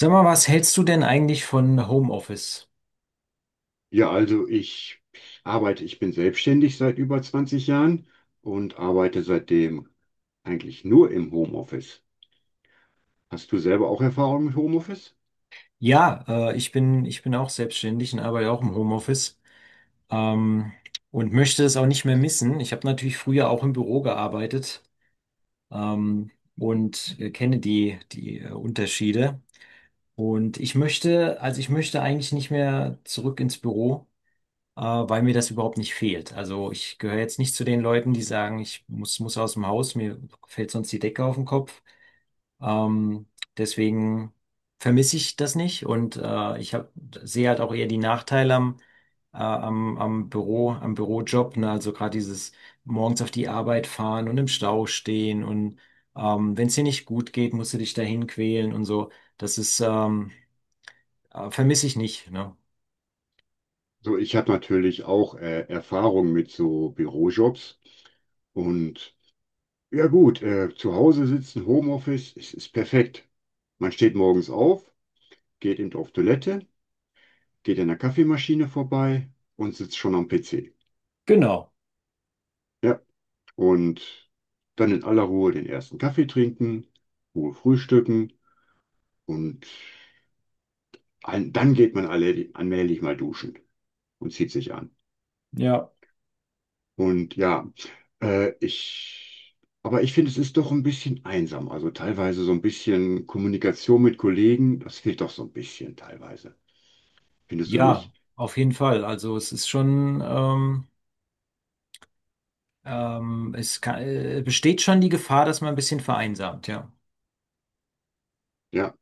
Sag mal, was hältst du denn eigentlich von Homeoffice? Ja, also ich bin selbstständig seit über 20 Jahren und arbeite seitdem eigentlich nur im Homeoffice. Hast du selber auch Erfahrung mit Homeoffice? Ja, ich bin auch selbstständig und arbeite auch im Homeoffice ähm, und möchte es auch nicht mehr missen. Ich habe natürlich früher auch im Büro gearbeitet ähm, und kenne die Unterschiede. Also ich möchte eigentlich nicht mehr zurück ins Büro, weil mir das überhaupt nicht fehlt. Also ich gehöre jetzt nicht zu den Leuten, die sagen, ich muss aus dem Haus, mir fällt sonst die Decke auf den Kopf. Ähm, Deswegen vermisse ich das nicht und sehe halt auch eher die Nachteile am am Büro, am Bürojob, ne? Also gerade dieses morgens auf die Arbeit fahren und im Stau stehen und wenn es dir nicht gut geht, musst du dich dahin quälen und so. Das ist vermisse ich nicht, ne? So, ich habe natürlich auch Erfahrung mit so Bürojobs und ja gut, zu Hause sitzen, Homeoffice, es ist perfekt. Man steht morgens auf, geht eben auf Toilette, geht an der Kaffeemaschine vorbei und sitzt schon am PC. Genau, Ja, und dann in aller Ruhe den ersten Kaffee trinken, Ruhe frühstücken und dann geht man alle allmählich mal duschen und zieht sich an. ja. Und ja, äh, ich, aber ich finde, es ist doch ein bisschen einsam. Also teilweise so ein bisschen Kommunikation mit Kollegen, das fehlt doch so ein bisschen teilweise. Findest du Ja, nicht? auf jeden Fall. Also es ist schon, besteht schon die Gefahr, dass man ein bisschen vereinsamt, ja. Ja,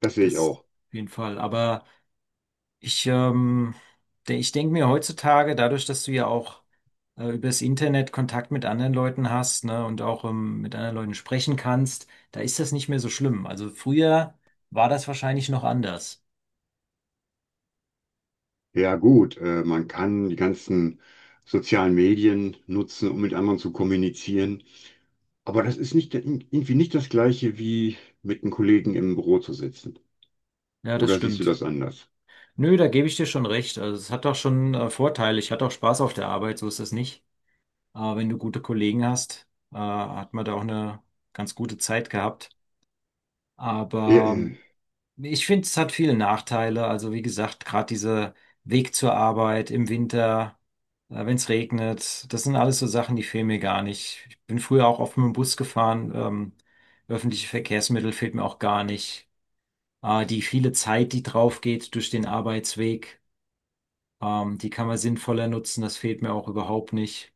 das sehe ich Das auch. auf jeden Fall. Aber ich, ähm, ich denke mir heutzutage, dadurch, dass du ja auch über das Internet Kontakt mit anderen Leuten hast, ne, und auch mit anderen Leuten sprechen kannst, da ist das nicht mehr so schlimm. Also früher war das wahrscheinlich noch anders. Ja, gut, man kann die ganzen sozialen Medien nutzen, um mit anderen zu kommunizieren. Aber das ist nicht, irgendwie nicht das Gleiche, wie mit einem Kollegen im Büro zu sitzen. Ja, das Oder siehst du stimmt. das anders? Nö, da gebe ich dir schon recht. Also es hat auch schon Vorteile. Ich hatte auch Spaß auf der Arbeit, so ist das nicht. Aber wenn du gute Kollegen hast, hat man da auch eine ganz gute Zeit gehabt. Ja, Aber äh, Nee, ich finde, es hat viele Nachteile. Also wie gesagt, gerade dieser Weg zur Arbeit im Winter, wenn es regnet, das sind alles so Sachen, die fehlen mir gar nicht. Ich bin früher auch oft mit dem Bus gefahren. Öffentliche Verkehrsmittel fehlt mir auch gar nicht. Die viele Zeit, die drauf geht durch den Arbeitsweg, die kann man sinnvoller nutzen. Das fehlt mir auch überhaupt nicht.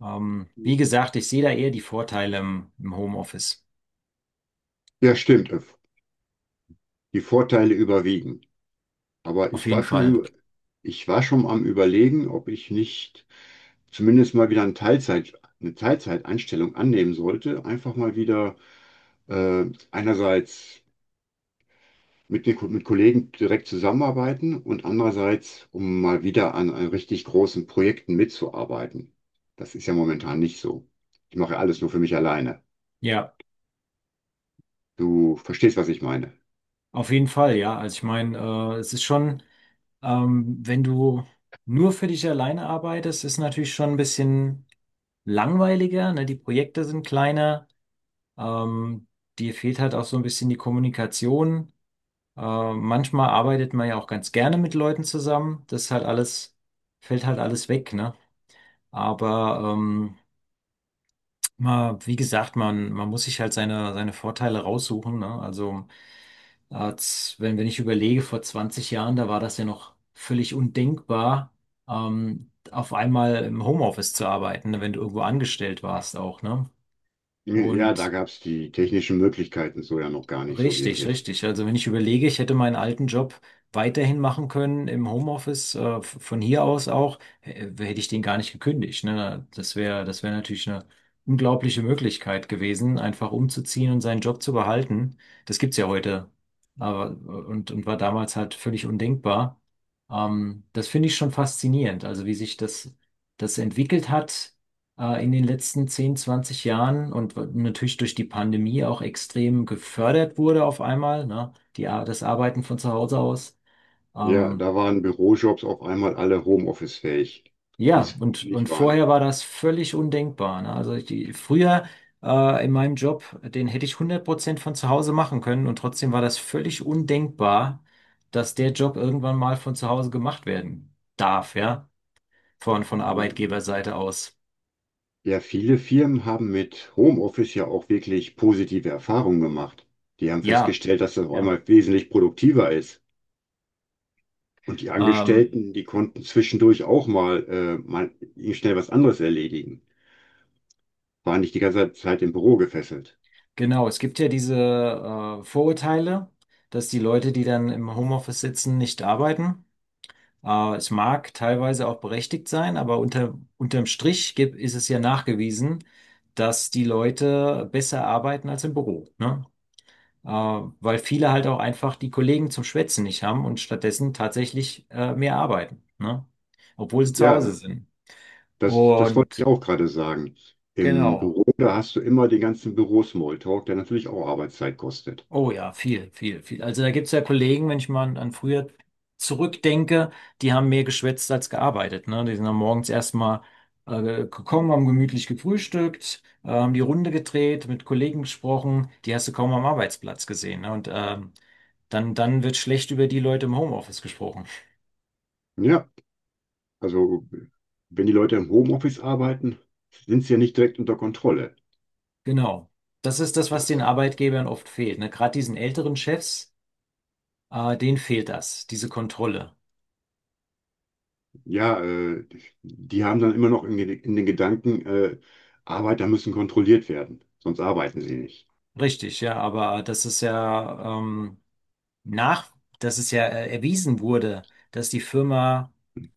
Wie gesagt, ich sehe da eher die Vorteile im Homeoffice. ja, stimmt. Die Vorteile überwiegen. Aber Auf jeden Fall. Ich war schon am Überlegen, ob ich nicht zumindest mal wieder eine Teilzeitanstellung annehmen sollte. Einfach mal wieder, äh, einerseits mit Kollegen direkt zusammenarbeiten und andererseits, um mal wieder an richtig großen Projekten mitzuarbeiten. Das ist ja momentan nicht so. Ich mache ja alles nur für mich alleine. Ja, Du verstehst, was ich meine. auf jeden Fall, ja. Also ich meine, es ist schon. Wenn du nur für dich alleine arbeitest, ist natürlich schon ein bisschen langweiliger, ne? Die Projekte sind kleiner, ähm, dir fehlt halt auch so ein bisschen die Kommunikation. Manchmal arbeitet man ja auch ganz gerne mit Leuten zusammen. Das ist halt alles, fällt halt alles weg, ne? Aber wie gesagt, man muss sich halt seine Vorteile raussuchen, ne? Also Als, wenn, wenn ich überlege, vor 20 Jahren, da war das ja noch völlig undenkbar, auf einmal im Homeoffice zu arbeiten, ne, wenn du irgendwo angestellt warst auch, ne? Ja, da Und gab es die technischen Möglichkeiten so ja noch gar nicht so Richtig, wirklich. richtig. Also wenn ich überlege, ich hätte meinen alten Job weiterhin machen können im Homeoffice, von hier aus auch, hätte ich den gar nicht gekündigt. Ne? Das wäre natürlich eine unglaubliche Möglichkeit gewesen, einfach umzuziehen und seinen Job zu behalten. Das gibt's ja heute. Aber, und war damals halt völlig undenkbar. Das finde ich schon faszinierend, also wie das entwickelt hat in den letzten 10, 20 Jahren und natürlich durch die Pandemie auch extrem gefördert wurde auf einmal, ne? Das Arbeiten von zu Hause aus. Ja, Ähm, da waren Bürojobs auf einmal alle Homeoffice-fähig, die ja, es vorher und nicht waren. vorher war das völlig undenkbar, ne? Also die, früher in meinem Job, den hätte ich 100% von zu Hause machen können und trotzdem war das völlig undenkbar, dass der Job irgendwann mal von zu Hause gemacht werden darf, ja? Von Arbeitgeberseite aus. Ja, viele Firmen haben mit Homeoffice ja auch wirklich positive Erfahrungen gemacht. Die haben Ja, festgestellt, dass das auf ja. einmal wesentlich produktiver ist. Und die Ähm, Angestellten, die konnten zwischendurch auch mal schnell was anderes erledigen. Waren nicht die ganze Zeit im Büro gefesselt. Genau, es gibt ja diese Vorurteile, dass die Leute, die dann im Homeoffice sitzen, nicht arbeiten. Es mag teilweise auch berechtigt sein, aber unterm Strich ist es ja nachgewiesen, dass die Leute besser arbeiten als im Büro, ne? Weil viele halt auch einfach die Kollegen zum Schwätzen nicht haben und stattdessen tatsächlich mehr arbeiten, ne? Obwohl sie zu Ja, Hause sind. Das wollte ich Und auch gerade sagen. Im genau. Büro, da hast du immer den ganzen Büro-Smalltalk, der natürlich auch Arbeitszeit kostet. Oh ja, viel, viel, viel. Also da gibt's ja Kollegen, wenn ich mal an früher zurückdenke, die haben mehr geschwätzt als gearbeitet. Ne? Die sind dann morgens erstmal gekommen, haben gemütlich gefrühstückt, haben die Runde gedreht, mit Kollegen gesprochen, die hast du kaum am Arbeitsplatz gesehen. Ne? Und dann wird schlecht über die Leute im Homeoffice gesprochen. Ja, also wenn die Leute im Homeoffice arbeiten, sind sie ja nicht direkt unter Kontrolle. Genau. Das ist das, was den Arbeitgebern oft fehlt. Ne? Gerade diesen älteren Chefs, denen fehlt das, diese Kontrolle. Ja, die haben dann immer noch in den Gedanken, Arbeiter müssen kontrolliert werden, sonst arbeiten sie nicht. Richtig, ja, aber das ist ja. Nach, Dass es ja erwiesen wurde, dass die Firma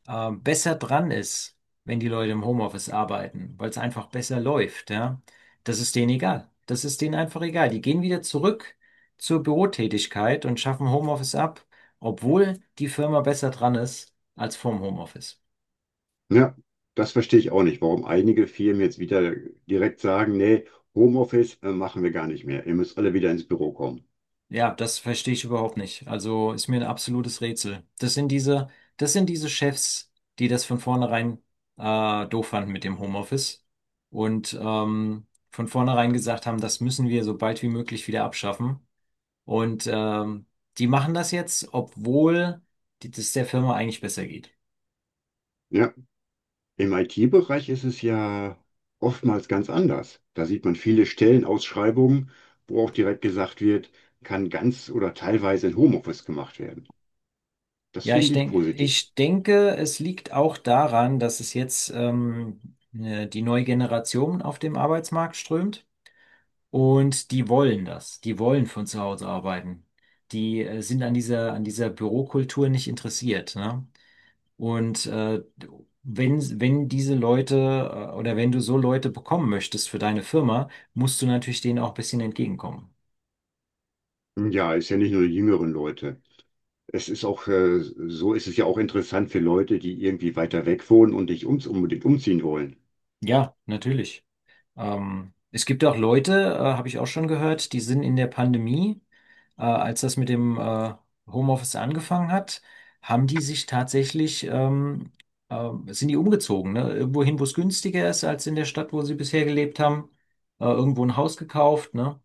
besser dran ist, wenn die Leute im Homeoffice arbeiten, weil es einfach besser läuft, ja. Das ist denen egal. Das ist denen einfach egal. Die gehen wieder zurück zur Bürotätigkeit und schaffen Homeoffice ab, obwohl die Firma besser dran ist als vorm Homeoffice. Ja, das verstehe ich auch nicht, warum einige Firmen jetzt wieder direkt sagen, nee, Homeoffice machen wir gar nicht mehr. Ihr müsst alle wieder ins Büro kommen. Ja, das verstehe ich überhaupt nicht. Also ist mir ein absolutes Rätsel. Das sind das sind diese Chefs, die das von vornherein doof fanden mit dem Homeoffice und von vornherein gesagt haben, das müssen wir so bald wie möglich wieder abschaffen. Und die machen das jetzt, obwohl das der Firma eigentlich besser geht. Ja, im IT-Bereich ist es ja oftmals ganz anders. Da sieht man viele Stellenausschreibungen, wo auch direkt gesagt wird, kann ganz oder teilweise in Homeoffice gemacht werden. Das Ja, finde ich positiv. ich denke, es liegt auch daran, dass es jetzt die neue Generation auf dem Arbeitsmarkt strömt. Und die wollen das. Die wollen von zu Hause arbeiten. Die sind an dieser an dieser Bürokultur nicht interessiert, ne? Und wenn diese Leute oder wenn du so Leute bekommen möchtest für deine Firma, musst du natürlich denen auch ein bisschen entgegenkommen. Ja, ist ja nicht nur die jüngeren Leute. Es ist auch, so ist es ja auch interessant für Leute, die irgendwie weiter weg wohnen und nicht ums unbedingt umziehen wollen. Ja, natürlich. Es gibt auch Leute, habe ich auch schon gehört, die sind in der Pandemie, als das mit dem Homeoffice angefangen hat, haben die sich tatsächlich sind die umgezogen, ne? Irgendwo hin, wo es günstiger ist als in der Stadt, wo sie bisher gelebt haben, irgendwo ein Haus gekauft, ne?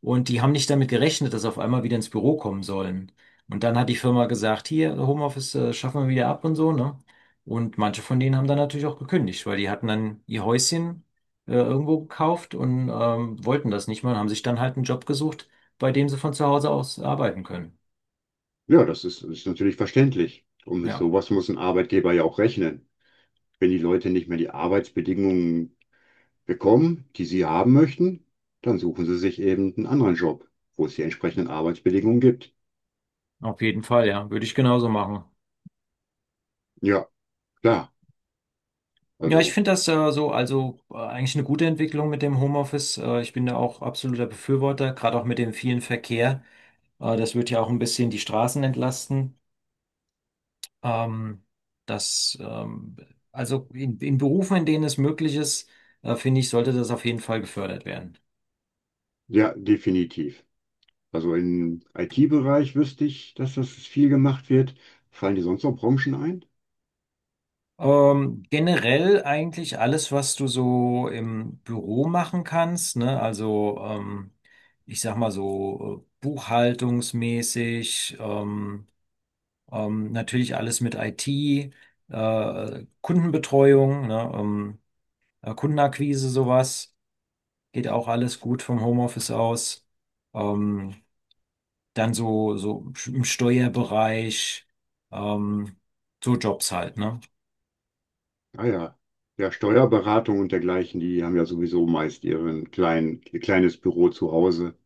Und die haben nicht damit gerechnet, dass sie auf einmal wieder ins Büro kommen sollen. Und dann hat die Firma gesagt, hier, Homeoffice, schaffen wir wieder ab und so, ne? Und manche von denen haben dann natürlich auch gekündigt, weil die hatten dann ihr Häuschen irgendwo gekauft und wollten das nicht mehr und haben sich dann halt einen Job gesucht, bei dem sie von zu Hause aus arbeiten können. Ja, das ist natürlich verständlich. Und mit Ja, sowas muss ein Arbeitgeber ja auch rechnen. Wenn die Leute nicht mehr die Arbeitsbedingungen bekommen, die sie haben möchten, dann suchen sie sich eben einen anderen Job, wo es die entsprechenden Arbeitsbedingungen gibt. auf jeden Fall, ja, würde ich genauso machen. Ja, klar. Ja, ich Also, finde das so, eigentlich eine gute Entwicklung mit dem Homeoffice. Ich bin da auch absoluter Befürworter, gerade auch mit dem vielen Verkehr. Das wird ja auch ein bisschen die Straßen entlasten. Ähm, das, ähm, also in Berufen, in denen es möglich ist, finde ich, sollte das auf jeden Fall gefördert werden. ja, definitiv. Also im IT-Bereich wüsste ich, dass das viel gemacht wird. Fallen dir sonst noch Branchen ein? Generell eigentlich alles, was du so im Büro machen kannst, ne? Also ich sag mal so buchhaltungsmäßig, natürlich alles mit IT, Kundenbetreuung, ne? Kundenakquise, sowas, geht auch alles gut vom Homeoffice aus. Ähm, Dann so, so im Steuerbereich, ähm, so Jobs halt, ne? Ah ja. Ja, Steuerberatung und dergleichen, die haben ja sowieso meist ihr kleines Büro zu Hause.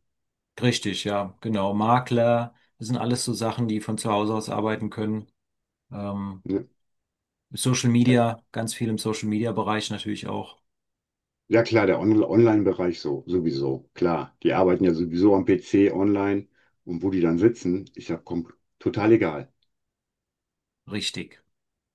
Richtig, ja, genau. Makler, das sind alles so Sachen, die von zu Hause aus arbeiten können. Ähm, Ja. Social Media, ganz viel im Social Media Bereich natürlich auch. Ja klar, der On Online-Bereich so, sowieso, klar. Die arbeiten ja sowieso am PC online und wo die dann sitzen, total egal. Richtig.